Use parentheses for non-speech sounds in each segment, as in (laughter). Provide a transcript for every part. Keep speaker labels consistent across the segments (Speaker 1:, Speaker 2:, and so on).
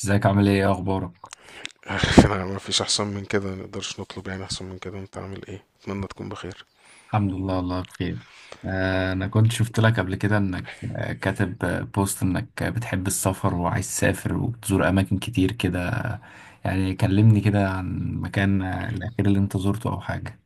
Speaker 1: ازيك عامل ايه؟ إيه اخبارك؟
Speaker 2: (laughs) انا ما فيش احسن من كده، ما نقدرش نطلب يعني احسن من كده. انت عامل ايه؟ اتمنى تكون بخير.
Speaker 1: الحمد لله والله بخير. انا كنت شفت لك قبل كده انك كاتب بوست انك بتحب السفر وعايز تسافر وبتزور اماكن كتير كده. يعني كلمني كده عن مكان الاخير اللي انت زرته او حاجة.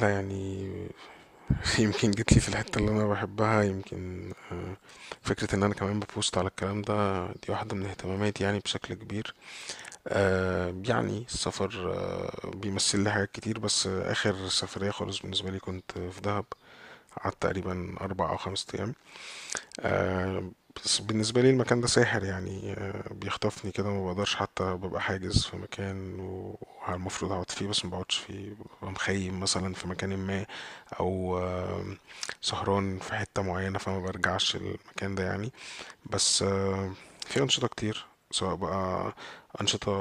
Speaker 2: لا يعني. (laughs) يمكن جيت لي في الحته اللي انا بحبها. يمكن فكره ان انا كمان ببوست على الكلام ده، دي واحده من اهتماماتي يعني بشكل كبير. يعني السفر بيمثل لي حاجات كتير. بس اخر سفريه خالص بالنسبه لي كنت في دهب. قعدت تقريبا 4 او 5 ايام. آه، بس بالنسبة لي المكان ده ساحر، يعني بيخطفني كده. ما بقدرش حتى ببقى حاجز في مكان والمفروض اقعد فيه، بس ما بقعدش فيه، ببقى مخيم مثلا في مكان ما. او سهران في حتة معينة، فما برجعش المكان ده يعني. بس في أنشطة كتير، سواء بقى أنشطة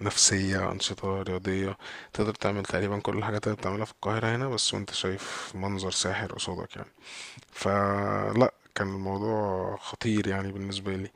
Speaker 2: نفسية، أنشطة رياضية. تقدر تعمل تقريبا كل الحاجات اللي بتعملها في القاهرة هنا، بس وانت شايف منظر ساحر قصادك يعني. فلا كان الموضوع خطير يعني بالنسبة لي.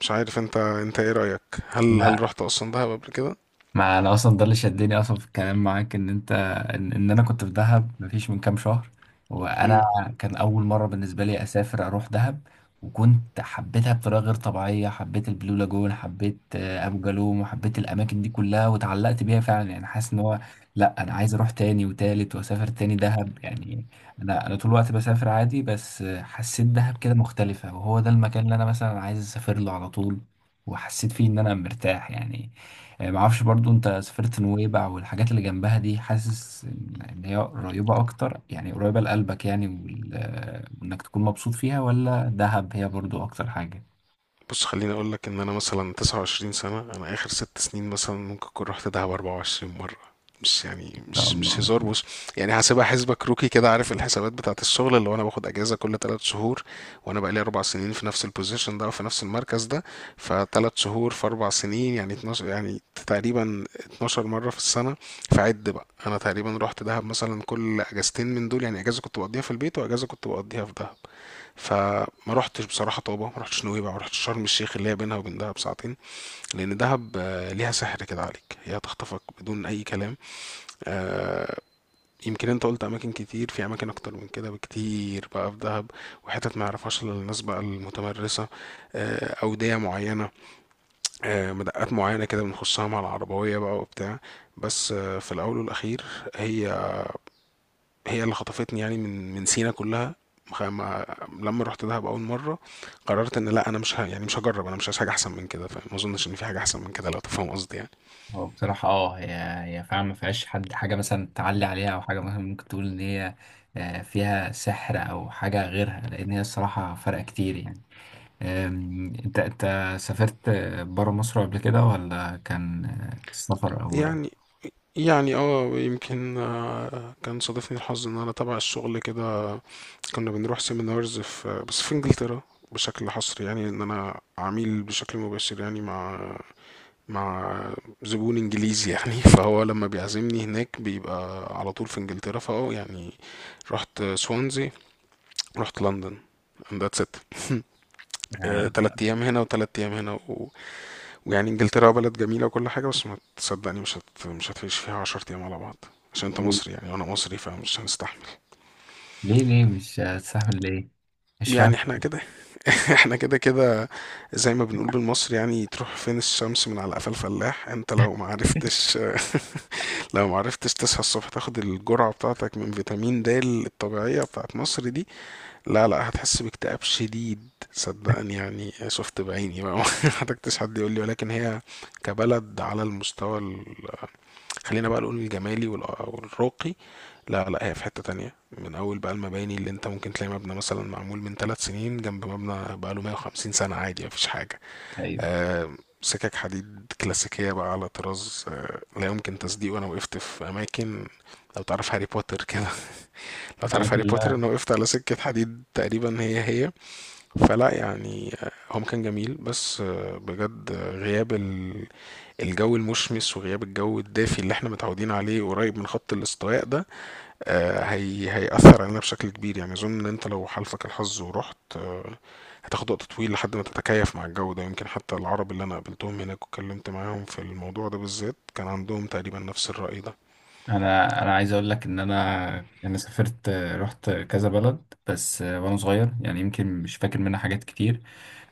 Speaker 2: مش عارف انت ايه رأيك؟ هل رحت اصلا دهب قبل كده؟
Speaker 1: مع انا اصلا ده اللي شدني اصلا في الكلام معاك ان انت ان انا كنت في دهب مفيش من كام شهر، وانا كان اول مره بالنسبه لي اسافر اروح دهب. وكنت حبيتها بطريقه غير طبيعيه، حبيت البلو لاجون، حبيت ابو جالوم، وحبيت الاماكن دي كلها وتعلقت بيها فعلا. يعني حاسس ان هو لا، انا عايز اروح تاني وتالت واسافر تاني دهب يعني. انا طول الوقت بسافر عادي، بس حسيت دهب كده مختلفه، وهو ده المكان اللي انا مثلا عايز اسافر له على طول، وحسيت فيه ان انا مرتاح يعني. معرفش برضو، انت سافرت نويبع والحاجات اللي جنبها دي؟ حاسس ان إن هي قريبة اكتر، يعني قريبة لقلبك يعني وانك تكون مبسوط فيها، ولا دهب هي برضو اكتر حاجة؟
Speaker 2: بص، خليني اقول لك ان انا مثلا 29 سنه. انا اخر 6 سنين مثلا ممكن اكون رحت دهب 24 مره. مش
Speaker 1: ان
Speaker 2: يعني
Speaker 1: شاء
Speaker 2: مش
Speaker 1: الله.
Speaker 2: هزار، بص. يعني هسيبها حسبة كروكي كده، عارف الحسابات بتاعت الشغل؟ اللي هو انا باخد اجازه كل 3 شهور. وانا بقالي 4 سنين في نفس البوزيشن ده وفي نفس المركز ده. فثلاث شهور في اربع سنين يعني 12، يعني تقريبا 12 مره في السنه. فعد بقى، انا تقريبا رحت دهب مثلا كل اجازتين من دول، يعني اجازه كنت بقضيها في البيت واجازه كنت بقضيها في دهب. فما رحتش بصراحة طابة، ما رحتش نويبع، ما رحتش شرم الشيخ اللي هي بينها وبين دهب ساعتين. لأن دهب ليها سحر كده عليك، هي هتخطفك بدون أي كلام. آه، يمكن انت قلت اماكن كتير، في اماكن اكتر من كده بكتير بقى في دهب. وحتت ما يعرفهاش الا الناس بقى المتمرسه. اوديه معينه، مدقات معينه كده بنخشها مع العربويه بقى وبتاع. بس في الاول والاخير، هي هي اللي خطفتني، يعني من سينا كلها. ما لما رحت دهب اول مره قررت ان لا، انا مش يعني مش هجرب. انا مش عايز حاجه احسن من كده، فما اظنش ان في حاجه احسن من كده، لو تفهم قصدي يعني.
Speaker 1: هو بصراحة اه، هي فعلا ما فيهاش حد حاجة مثلا تعلي عليها، أو حاجة مثلا ممكن تقول إن هي فيها سحر أو حاجة غيرها، لأن هي الصراحة فرق كتير يعني. أنت سافرت برا مصر قبل كده، ولا كان السفر أول؟
Speaker 2: يعني يعني يمكن كان صادفني الحظ ان انا تبع الشغل كده، كنا بنروح سيمينارز بس في انجلترا بشكل حصري، يعني ان انا عميل بشكل مباشر يعني مع زبون انجليزي يعني. (laughs) فهو لما بيعزمني هناك بيبقى على طول في انجلترا، يعني رحت سوانزي، رحت لندن. And that's it. (laughs)
Speaker 1: آه.
Speaker 2: 3 ايام هنا وتلات ايام هنا. ويعني انجلترا بلد جميلة وكل حاجة، بس ما تصدقني، مش مش هتعيش فيها 10 ايام على بعض. عشان انت مصري يعني وانا مصري، فمش هنستحمل.
Speaker 1: ليه ليه مش هتستحمل؟ ليه؟ مش
Speaker 2: يعني
Speaker 1: فاهم.
Speaker 2: احنا كده. (laughs) احنا كده كده. زي ما بنقول بالمصري، يعني تروح فين الشمس من على قفا الفلاح؟ انت لو ما عرفتش، لو معرفتش تصحى الصبح تاخد الجرعة بتاعتك من فيتامين د الطبيعية بتاعت مصر دي، لا لا، هتحس باكتئاب شديد. صدقني، يعني شفت بعيني بقى. (laughs) ما حتكتش حد يقول لي. ولكن هي كبلد على المستوى، خلينا بقى نقول الجمالي والراقي، لا لا، هي في حتة تانية. من أول بقى المباني، اللي أنت ممكن تلاقي مبنى مثلا معمول من 3 سنين جنب مبنى بقاله 150 سنة عادي، مفيش حاجة.
Speaker 1: ايوه.
Speaker 2: سكك حديد كلاسيكية بقى على طراز لا يمكن تصديقه. أنا وقفت في أماكن، لو تعرف هاري بوتر كده. (laughs) لو تعرف
Speaker 1: الاماكن
Speaker 2: هاري
Speaker 1: اللي
Speaker 2: بوتر،
Speaker 1: أنا-
Speaker 2: أنا وقفت على سكة حديد تقريبا هي هي. فلا يعني هم كان جميل، بس بجد غياب الجو المشمس وغياب الجو الدافي اللي احنا متعودين عليه قريب من خط الاستواء ده، هي هيأثر علينا بشكل كبير. يعني أظن إن أنت لو حالفك الحظ ورحت هتاخد وقت طويل لحد ما تتكيف مع الجو ده. يمكن حتى العرب اللي أنا قابلتهم هناك واتكلمت معاهم في الموضوع ده بالذات كان عندهم تقريبا نفس الرأي ده.
Speaker 1: انا عايز اقول لك ان انا انا سافرت، رحت كذا بلد بس وانا صغير، يعني يمكن مش فاكر منها حاجات كتير.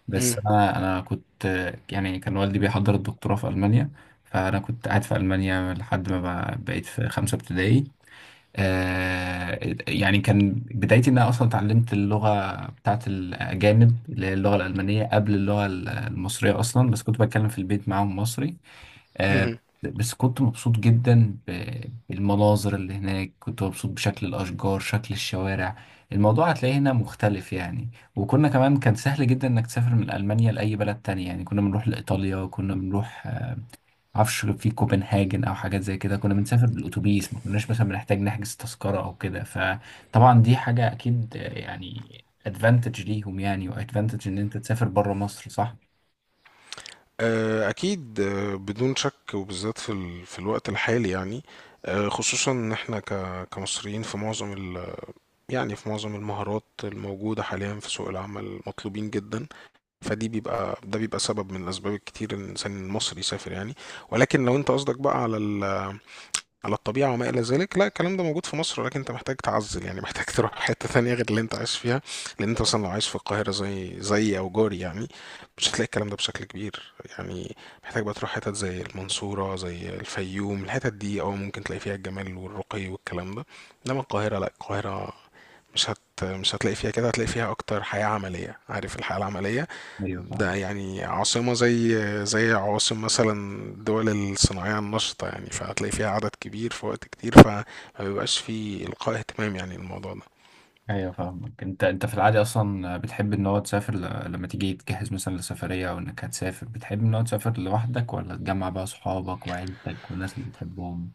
Speaker 1: بس
Speaker 2: مم.
Speaker 1: انا انا كنت يعني كان والدي بيحضر الدكتوراه في المانيا، فانا كنت قاعد في المانيا لحد ما بقيت في خمسة ابتدائي. آه، يعني كان بدايتي ان انا اصلا اتعلمت اللغه بتاعت الاجانب اللي هي اللغه الالمانيه قبل المصريه اصلا، بس كنت بتكلم في البيت معاهم مصري. آه،
Speaker 2: مهم.
Speaker 1: بس كنت مبسوط جدا بالمناظر اللي هناك، كنت مبسوط بشكل الاشجار، شكل الشوارع. الموضوع هتلاقيه هنا مختلف يعني. وكنا كمان كان سهل جدا انك تسافر من المانيا لاي بلد تاني، يعني كنا بنروح لايطاليا، وكنا بنروح معرفش في كوبنهاجن او حاجات زي كده. كنا بنسافر بالاتوبيس، ما كناش مثلا بنحتاج نحجز تذكره او كده. فطبعا دي حاجه اكيد يعني ادفانتج ليهم، يعني وادفانتج ان انت تسافر بره مصر، صح؟
Speaker 2: أكيد، بدون شك، وبالذات في في الوقت الحالي يعني. خصوصا إن إحنا كمصريين في معظم، يعني في معظم المهارات الموجودة حاليا في سوق العمل مطلوبين جدا. فدي بيبقى، ده بيبقى سبب من الأسباب الكتير إن الإنسان المصري يسافر يعني. ولكن لو أنت قصدك بقى على على الطبيعة وما إلى ذلك، لا، الكلام ده موجود في مصر، ولكن أنت محتاج تعزل يعني. (laughs) محتاج تروح حتة ثانية غير اللي أنت عايش فيها، لأن أنت مثلا لو عايش في القاهرة زي أو جوري، يعني مش هتلاقي الكلام ده بشكل كبير يعني. محتاج بقى تروح حتت زي المنصورة، زي الفيوم، الحتت دي أو ممكن تلاقي فيها الجمال والرقي والكلام ده. إنما القاهرة، لا القاهرة مش هتلاقي فيها كده، هتلاقي فيها اكتر حياة عملية. عارف الحياة العملية؟
Speaker 1: ايوه
Speaker 2: ده
Speaker 1: فاهم.
Speaker 2: يعني عاصمة زي عواصم مثلا الدول الصناعية النشطة يعني، فهتلاقي فيها عدد كبير في وقت كتير، فما بيبقاش فيه إلقاء اهتمام يعني الموضوع ده.
Speaker 1: ايوه فاهمك. انت في العادي اصلا بتحب ان هو تسافر ل... لما تيجي تجهز مثلا لسفريه او انك هتسافر، بتحب ان هو تسافر لوحدك، ولا تجمع بقى صحابك وعيلتك والناس اللي بتحبهم؟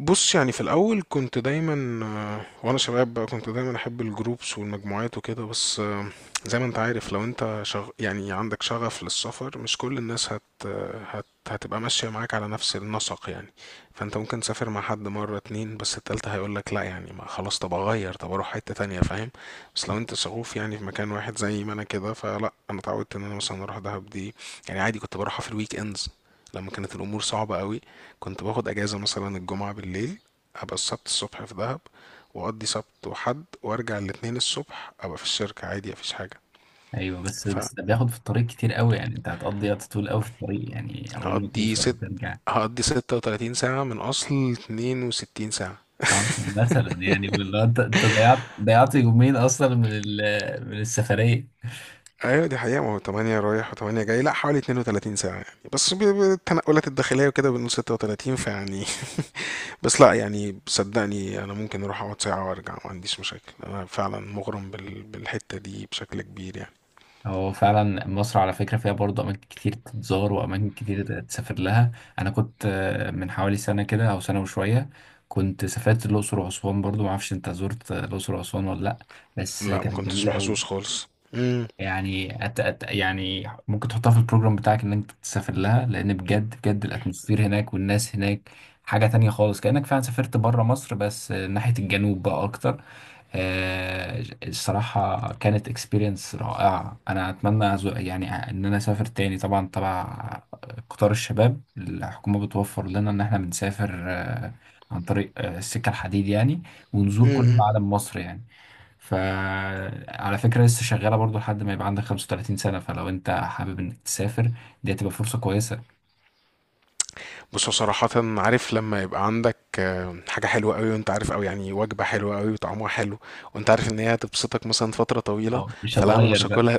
Speaker 2: بص يعني، في الاول كنت دايما وانا شباب بقى كنت دايما احب الجروبس والمجموعات وكده. بس زي ما انت عارف، لو انت يعني عندك شغف للسفر، مش كل الناس هتبقى ماشية معاك على نفس النسق يعني. فانت ممكن تسافر مع حد مرة اتنين، بس التالتة هيقولك لا. يعني ما خلاص، طب اغير، طب اروح حتة تانية، فاهم؟ بس لو انت شغوف يعني في مكان واحد، زي ما انا كده، فلا انا اتعودت ان انا مثلا اروح دهب دي. يعني عادي، كنت بروحها في الويك اندز لما كانت الامور صعبة قوي. كنت باخد اجازة مثلا الجمعة بالليل، ابقى السبت الصبح في دهب، واقضي سبت وحد، وارجع الاتنين الصبح ابقى في الشركة عادي، مفيش حاجة.
Speaker 1: ايوه. بس ده بياخد في الطريق كتير قوي يعني، انت هتقضي وقت طويل قوي في الطريق يعني اول ما
Speaker 2: فهقضي
Speaker 1: توصل
Speaker 2: ست
Speaker 1: وترجع.
Speaker 2: هقضي 36 ساعة من اصل 62 ساعة.
Speaker 1: مثلا يعني والله، انت ضيعت يومين اصلا من من السفريه.
Speaker 2: ايوه دي حقيقة، ما هو تمانية رايح وتمانية جاي، لا حوالي 32 ساعة يعني، بس التنقلات الداخلية وكده بنقول 36، فيعني. (laughs) بس لا يعني، صدقني انا ممكن اروح اقعد ساعة وارجع، ما عنديش مشاكل. انا فعلا مغرم بالحتة دي بشكل كبير يعني.
Speaker 1: هو فعلا مصر على فكره فيها برضه اماكن كتير تتزار واماكن كتير تسافر لها. انا كنت من حوالي سنه كده او سنه وشويه كنت سافرت الاقصر واسوان برضه. ما اعرفش انت زرت الاقصر واسوان ولا لا؟ بس
Speaker 2: لا ما
Speaker 1: كانت
Speaker 2: كنتش
Speaker 1: جميله
Speaker 2: محظوظ
Speaker 1: قوي.
Speaker 2: خالص. امم.
Speaker 1: يعني أت أت يعني ممكن تحطها في البروجرام بتاعك ان انت تسافر لها، لان بجد بجد الاتموسفير هناك والناس هناك حاجة تانية خالص، كأنك فعلا سافرت بره مصر، بس ناحية الجنوب بقى اكتر. الصراحة كانت اكسبيرينس رائعة، انا اتمنى يعني ان انا اسافر تاني. طبعا تبع قطار الشباب، الحكومة بتوفر لنا ان احنا بنسافر عن طريق السكة الحديد يعني، ونزور كل
Speaker 2: امم.
Speaker 1: معالم مصر يعني. فعلى فكرة لسه شغالة برضو لحد ما يبقى عندك 35 سنة، فلو انت حابب انك تسافر دي هتبقى فرصة كويسة.
Speaker 2: بص هو صراحة، عارف لما يبقى عندك حاجة حلوة قوي، وانت عارف، او يعني وجبة حلوة قوي وطعمها حلو، وانت عارف ان هي هتبسطك مثلا فترة طويلة؟
Speaker 1: أو مش
Speaker 2: فلا، انا
Speaker 1: هتغير
Speaker 2: مش
Speaker 1: بقى.
Speaker 2: هاكلها.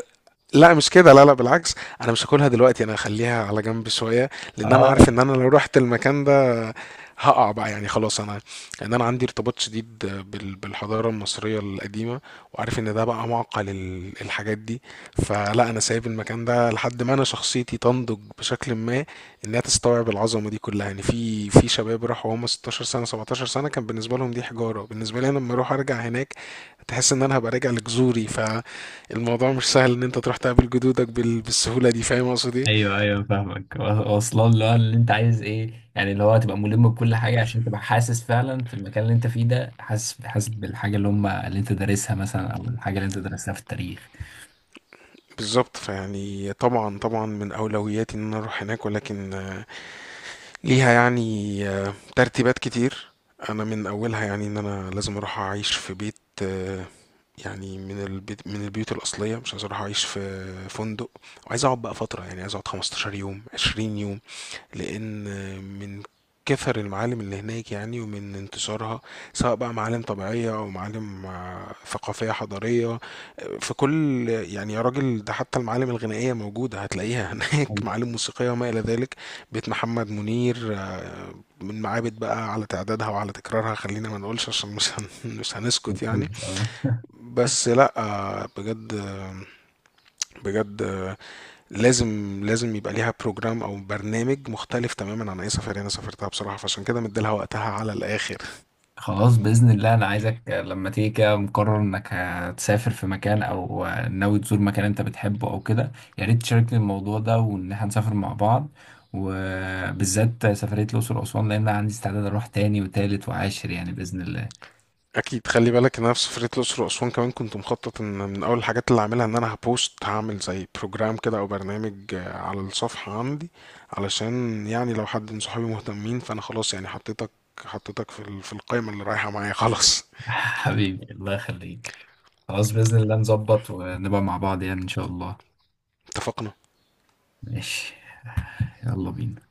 Speaker 2: لا مش كده، لا لا، بالعكس. انا مش هاكلها دلوقتي، انا هخليها على جنب شويه، لان انا
Speaker 1: اه.
Speaker 2: عارف ان انا لو رحت المكان ده هقع بقى، يعني خلاص. انا، ان انا عندي ارتباط شديد بالحضاره المصريه القديمه، وعارف ان ده بقى معقل الحاجات دي. فلا انا سايب المكان ده لحد ما انا شخصيتي تنضج بشكل ما، انها تستوعب العظمه دي كلها. يعني في شباب راحوا هم 16 سنه، 17 سنه، كان بالنسبه لهم دي حجاره. بالنسبه لي انا لما اروح ارجع هناك تحس ان انا هبقى راجع لجذوري. ف الموضوع مش سهل ان انت تروح تقابل جدودك بالسهولة دي. فاهم اقصد ايه؟
Speaker 1: ايوه ايوه فاهمك. واصلا اللي هو اللي انت عايز ايه، يعني اللي هو هتبقى ملم بكل حاجة عشان تبقى حاسس فعلا في المكان اللي انت فيه ده، حاسس، حاسس بالحاجة اللي هم اللي انت دارسها مثلا او الحاجة اللي انت درستها في التاريخ.
Speaker 2: بالظبط، فيعني طبعا، طبعا من اولوياتي ان انا اروح هناك، ولكن ليها يعني ترتيبات كتير. انا من اولها يعني ان انا لازم اروح اعيش في بيت، آه، يعني من البيت، من البيوت الأصلية. مش عايز أروح أعيش في فندق، وعايز أقعد بقى فترة، يعني عايز أقعد 15 يوم، 20 يوم. لان من كثر المعالم اللي هناك يعني ومن انتشارها، سواء بقى معالم طبيعية او معالم ثقافية حضارية، في كل يعني، يا راجل ده حتى المعالم الغنائية موجودة هتلاقيها (laughs) هناك،
Speaker 1: أيوة.
Speaker 2: معالم موسيقية وما الى ذلك. بيت محمد منير، من معابد بقى، على تعدادها وعلى تكرارها، خلينا ما نقولش عشان مش هن- (laughs) مش هنسكت يعني.
Speaker 1: هتخلص؟ اه.
Speaker 2: بس لا بجد، بجد لازم لازم يبقى ليها بروجرام او برنامج مختلف تماما عن اي سفرية انا سافرتها بصراحة، فعشان كده مديلها وقتها على الاخر.
Speaker 1: خلاص بإذن الله. أنا عايزك لما تيجي كده مقرر إنك هتسافر في مكان أو ناوي تزور مكان أنت بتحبه أو كده، يا ريت تشاركني الموضوع ده وإن إحنا نسافر مع بعض، وبالذات سفرية الأقصر وأسوان، لأن أنا عندي استعداد أروح تاني وتالت وعاشر يعني، بإذن الله.
Speaker 2: اكيد، خلي بالك ان انا في سفرية الاقصر واسوان كمان كنت مخطط ان من اول الحاجات اللي هعملها ان انا هبوست، هعمل زي بروجرام كده او برنامج على الصفحة عندي. علشان يعني لو حد من صحابي مهتمين، فانا خلاص يعني حطيتك في القائمة اللي رايحة معايا، خلاص.
Speaker 1: (laughs) حبيبي الله يخليك. خلاص بإذن الله نظبط ونبقى مع بعض يعني إن شاء الله.
Speaker 2: (laughs) اتفقنا.
Speaker 1: ماشي. يلا بينا.